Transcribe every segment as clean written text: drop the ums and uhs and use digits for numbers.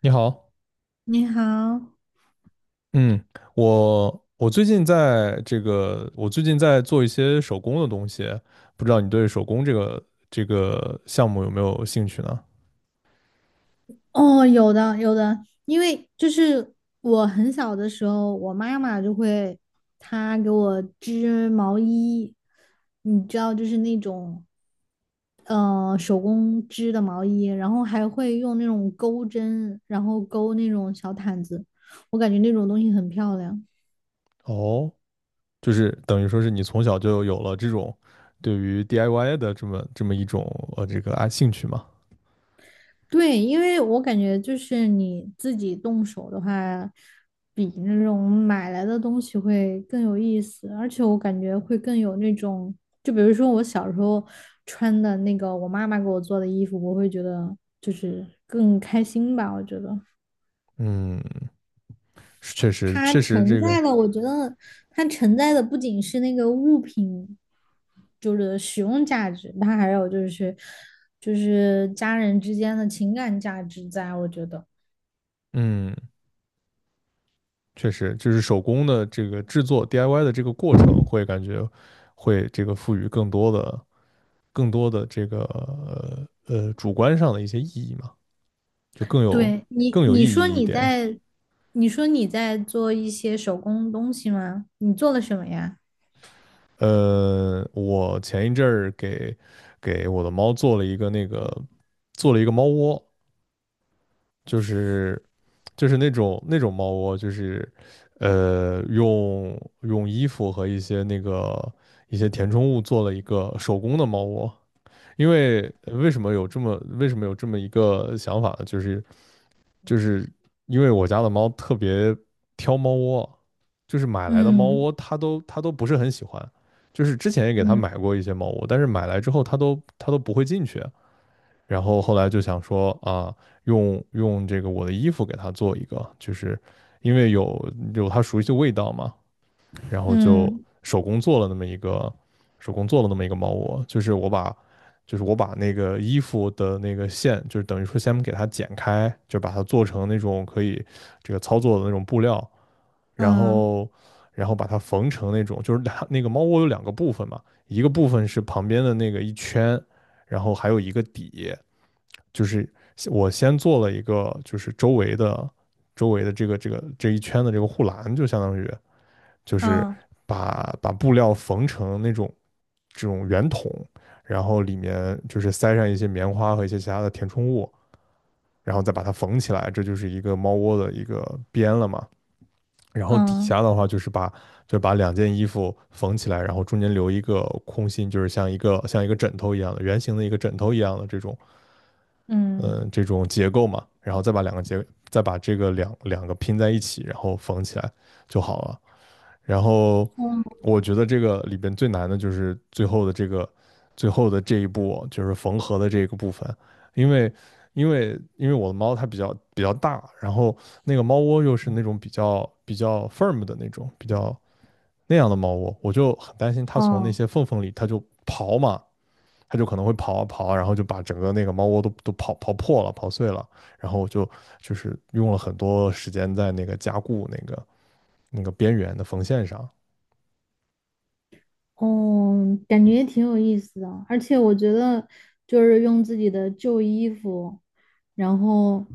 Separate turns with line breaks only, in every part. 你好。
你好。
嗯。我最近在这个，我最近在做一些手工的东西。不知道你对手工这个项目有没有兴趣呢？
哦，有的有的。因为就是我很小的时候，我妈妈就会给我织毛衣，你知道，就是那种手工织的毛衣，然后还会用那种钩针，然后钩那种小毯子，我感觉那种东西很漂亮。
哦，就是等于说是你从小就有了这种对于 DIY 的这么一种这个啊兴趣嘛？
对，因为我感觉就是你自己动手的话，比那种买来的东西会更有意思，而且我感觉会更有那种，就比如说我小时候穿的那个我妈妈给我做的衣服，我会觉得就是更开心吧。我觉得
嗯，是确实
它
确实
承
这个。
载了，我觉得它承载的不仅是那个物品，就是使用价值，它还有就是家人之间的情感价值在，我觉得。
嗯，确实就是手工的这个制作 DIY 的这个过程会感觉会这个赋予更多的。更多的这个主观上的一些意义嘛，就更有
对你，
更有意义一点。
你说你在做一些手工东西吗？你做了什么呀？
我前一阵儿给我的猫做了一个猫窝。就是就是那种猫窝，就是用衣服和一些一些填充物做了一个手工的猫窝。因为为什么有这么一个想法呢？就是因为我家的猫特别挑猫窝。就是买来的猫
嗯
窝它都不是很喜欢。就是之前也给它
嗯
买过一些猫窝，但是买来之后它都不会进去。然后后来就想说啊，用这个我的衣服给它做一个，就是因为有它熟悉的味道嘛。然后就
嗯
手工做了那么一个手工做了那么一个猫窝。就是我把那个衣服的那个线，就是等于说先给它剪开，就把它做成那种可以这个操作的那种布料。然
嗯
后然后把它缝成那种，就是它那个猫窝有两个部分嘛。一个部分是旁边的那个一圈，然后还有一个底。就是我先做了一个就是周围的。周围的这个这一圈的这个护栏，就相当于，就是
嗯
把布料缝成那种这种圆筒，然后里面就是塞上一些棉花和一些其他的填充物，然后再把它缝起来，这就是一个猫窝的一个边了嘛。然后底
嗯嗯
下的话就是就把两件衣服缝起来，然后中间留一个空心，就是像一个枕头一样的圆形的一个枕头一样的这种
嗯嗯。
这种结构嘛。然后再把两个结再把这个两个拼在一起，然后缝起来就好了。然后
嗯嗯
我觉得这个里边最难的就是最后的这一步，就是缝合的这个部分。因为因为我的猫它比较大。然后那个猫窝又是那种比较 firm 的那种，比较那样的猫窝，我就很担心它从那
嗯。
些缝缝里它就刨嘛。它就可能会刨啊刨，然后就把整个那个猫窝都刨破了、刨碎了。然后就是用了很多时间在那个加固那个边缘的缝线上。
哦，感觉也挺有意思的，而且我觉得就是用自己的旧衣服，然后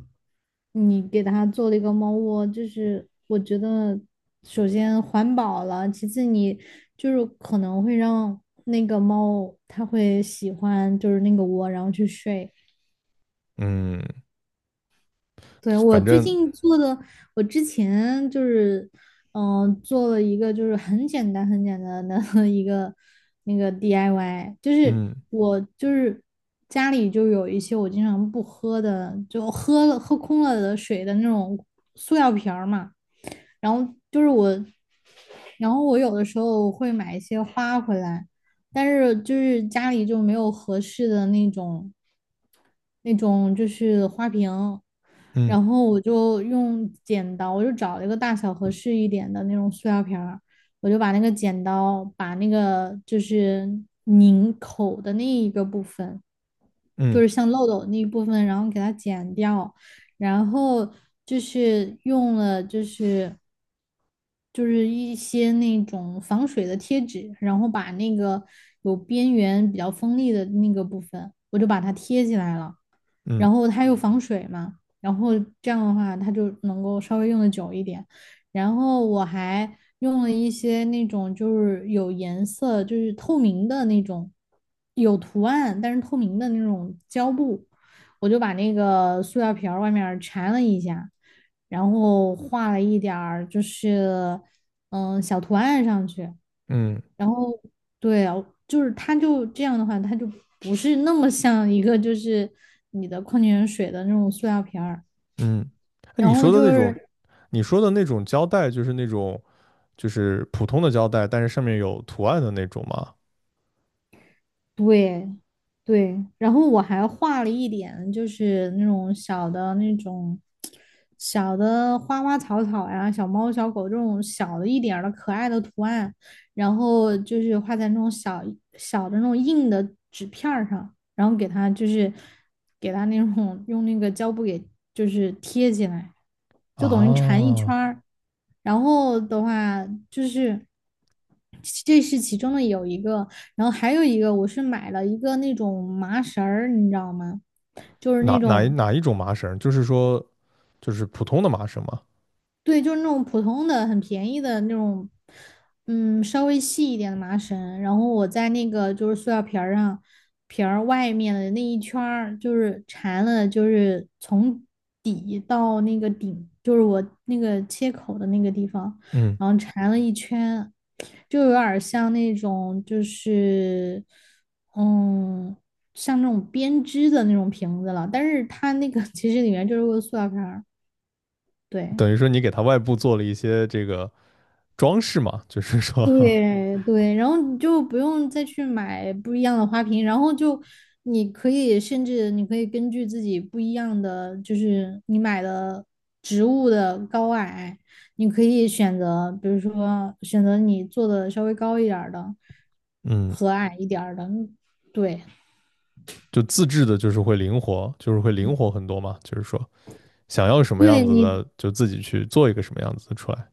你给它做了一个猫窝，就是我觉得首先环保了，其次你就是可能会让那个猫它会喜欢就是那个窝，然后去睡。
嗯，
对，我
反
最
正。
近做的，我之前就是，嗯、做了一个就是很简单的 一个那个 DIY,就是
嗯。
我就是家里就有一些我经常不喝的，就喝了喝空了的水的那种塑料瓶儿嘛，然后就是我，然后我有的时候会买一些花回来，但是就是家里就没有合适的那种。那种就是花瓶。
嗯。
然后我就用剪刀，我就找了一个大小合适一点的那种塑料瓶儿，我就把那个剪刀把那个就是拧口的那一个部分，就
嗯。
是像漏斗那一部分，然后给它剪掉，然后就是用了就是一些那种防水的贴纸，然后把那个有边缘比较锋利的那个部分，我就把它贴起来了。
嗯。
然后它又防水嘛，然后这样的话它就能够稍微用的久一点。然后我还用了一些那种就是有颜色，就是透明的那种，有图案但是透明的那种胶布，我就把那个塑料瓶儿外面缠了一下，然后画了一点儿就是小图案上去，
嗯。
然后对啊，就是它就这样的话，它就不是那么像一个就是你的矿泉水的那种塑料瓶儿。
嗯。那你
然后
说的那
就
种，
是
你说的那种胶带，就是那种就是普通的胶带，但是上面有图案的那种吗？
对，对，然后我还画了一点，就是那种小的那种小的花花草草呀、小猫小狗这种小的一点儿的可爱的图案，然后就是画在那种小小的那种硬的纸片儿上，然后给它就是给它那种用那个胶布给就是贴起来，就等于缠一圈
啊，
儿。然后的话就是，这是其中的有一个。然后还有一个我是买了一个那种麻绳儿，你知道吗？就是那种。
哪一种麻绳？就是说就是普通的麻绳吗？
对，就是那种普通的、很便宜的那种，嗯，稍微细一点的麻绳，然后我在那个就是塑料瓶儿上，瓶儿外面的那一圈儿，就是缠了，就是从底到那个顶，就是我那个切口的那个地方，
嗯。
然后缠了一圈，就有点儿像那种就是，嗯，像那种编织的那种瓶子了，但是它那个其实里面就是个塑料瓶儿，对。
等于说你给它外部做了一些这个装饰嘛，就是说。
对对，然后你就不用再去买不一样的花瓶，然后就你可以甚至你可以根据自己不一样的，就是你买的植物的高矮，你可以选择，比如说选择你做的稍微高一点儿的
嗯，
和矮一点儿的，对。
就自制的，就是会灵活，就是会灵活很多嘛，就是说想要什么样
对
子
你，
的，就自己去做一个什么样子的出来。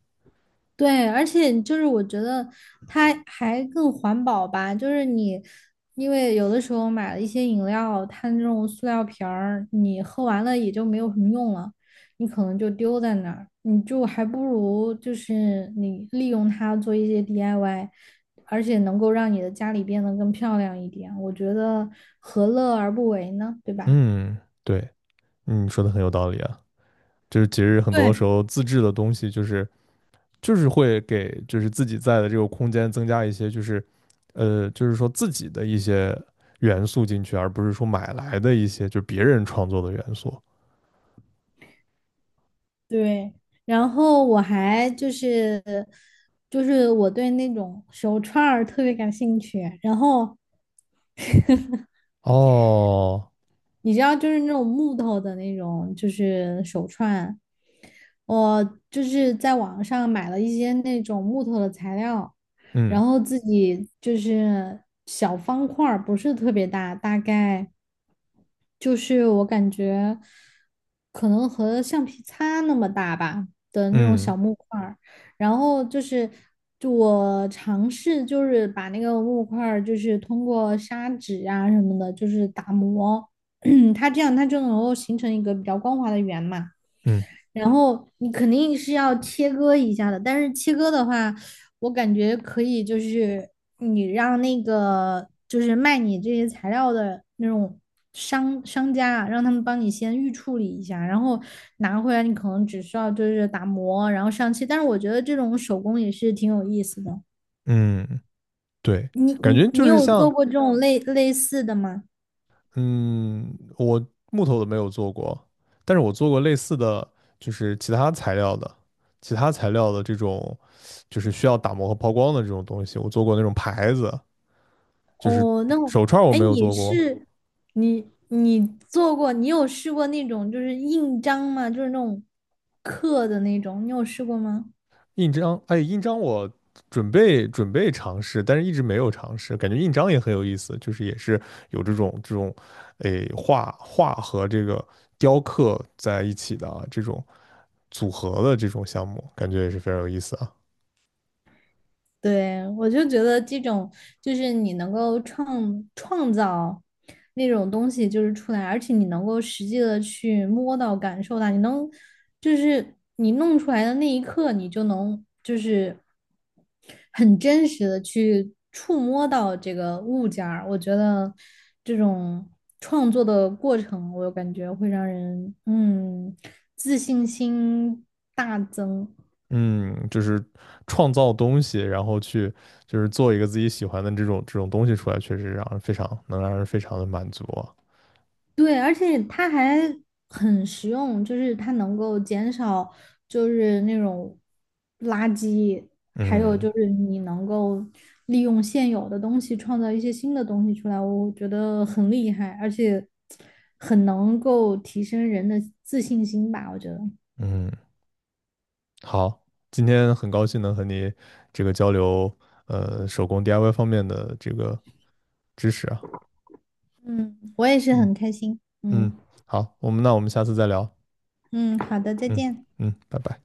对，而且就是我觉得它还更环保吧，就是你，因为有的时候买了一些饮料，它那种塑料瓶儿，你喝完了也就没有什么用了，你可能就丢在那儿，你就还不如就是你利用它做一些 DIY,而且能够让你的家里变得更漂亮一点，我觉得何乐而不为呢，对吧？
嗯。对。嗯，说的很有道理啊。就是其实很多时
对，
候自制的东西，就是会给就是自己在的这个空间增加一些，就是就是说自己的一些元素进去，而不是说买来的一些就别人创作的元素。
对，然后我还就是就是我对那种手串儿特别感兴趣，然后
哦。
你知道，就是那种木头的那种，就是手串。我就是在网上买了一些那种木头的材料，然
嗯。
后自己就是小方块儿不是特别大，大概就是我感觉可能和橡皮擦那么大吧的那种
嗯。
小木块儿，然后就是，就我尝试就是把那个木块儿就是通过砂纸啊什么的，就是打磨。它这样它就能够形成一个比较光滑的圆嘛。
嗯。
然后你肯定是要切割一下的，但是切割的话，我感觉可以，就是你让那个就是卖你这些材料的那种商家啊，让他们帮你先预处理一下，然后拿回来你可能只需要就是打磨，然后上漆。但是我觉得这种手工也是挺有意思的。
嗯，对。
你
感
你
觉就
你
是
有做
像，
过这种类似的吗？
嗯，我木头的没有做过，但是我做过类似的，就是其他材料的，其他材料的这种，就是需要打磨和抛光的这种东西，我做过那种牌子，就是
哦，那我，
手串儿我
哎，
没有
你
做过。
是你做过，你有试过那种就是印章吗？就是那种刻的那种，你有试过吗？
印章，哎，印章我准备尝试，但是一直没有尝试。感觉印章也很有意思，就是也是有这种这种，哎，画画和这个雕刻在一起的啊，这种组合的这种项目，感觉也是非常有意思啊。
对，我就觉得这种就是你能够创造那种东西就是出来，而且你能够实际的去摸到、感受到，你能就是你弄出来的那一刻，你就能就是很真实的去触摸到这个物件儿，我觉得这种创作的过程，我感觉会让人自信心大增。
嗯，就是创造东西，然后去就是做一个自己喜欢的这种东西出来，确实让人非常能让人非常的满足啊。
对，而且它还很实用，就是它能够减少就是那种垃圾，还有
嗯。
就是你能够利用现有的东西创造一些新的东西出来，我觉得很厉害，而且很能够提升人的自信心吧，我觉得。
嗯。好，今天很高兴能和你这个交流，手工 DIY 方面的这个知识啊。
我也是
嗯。
很开心。嗯。
嗯，好，我们下次再聊。
嗯，好的，再
嗯。
见。
嗯，拜拜。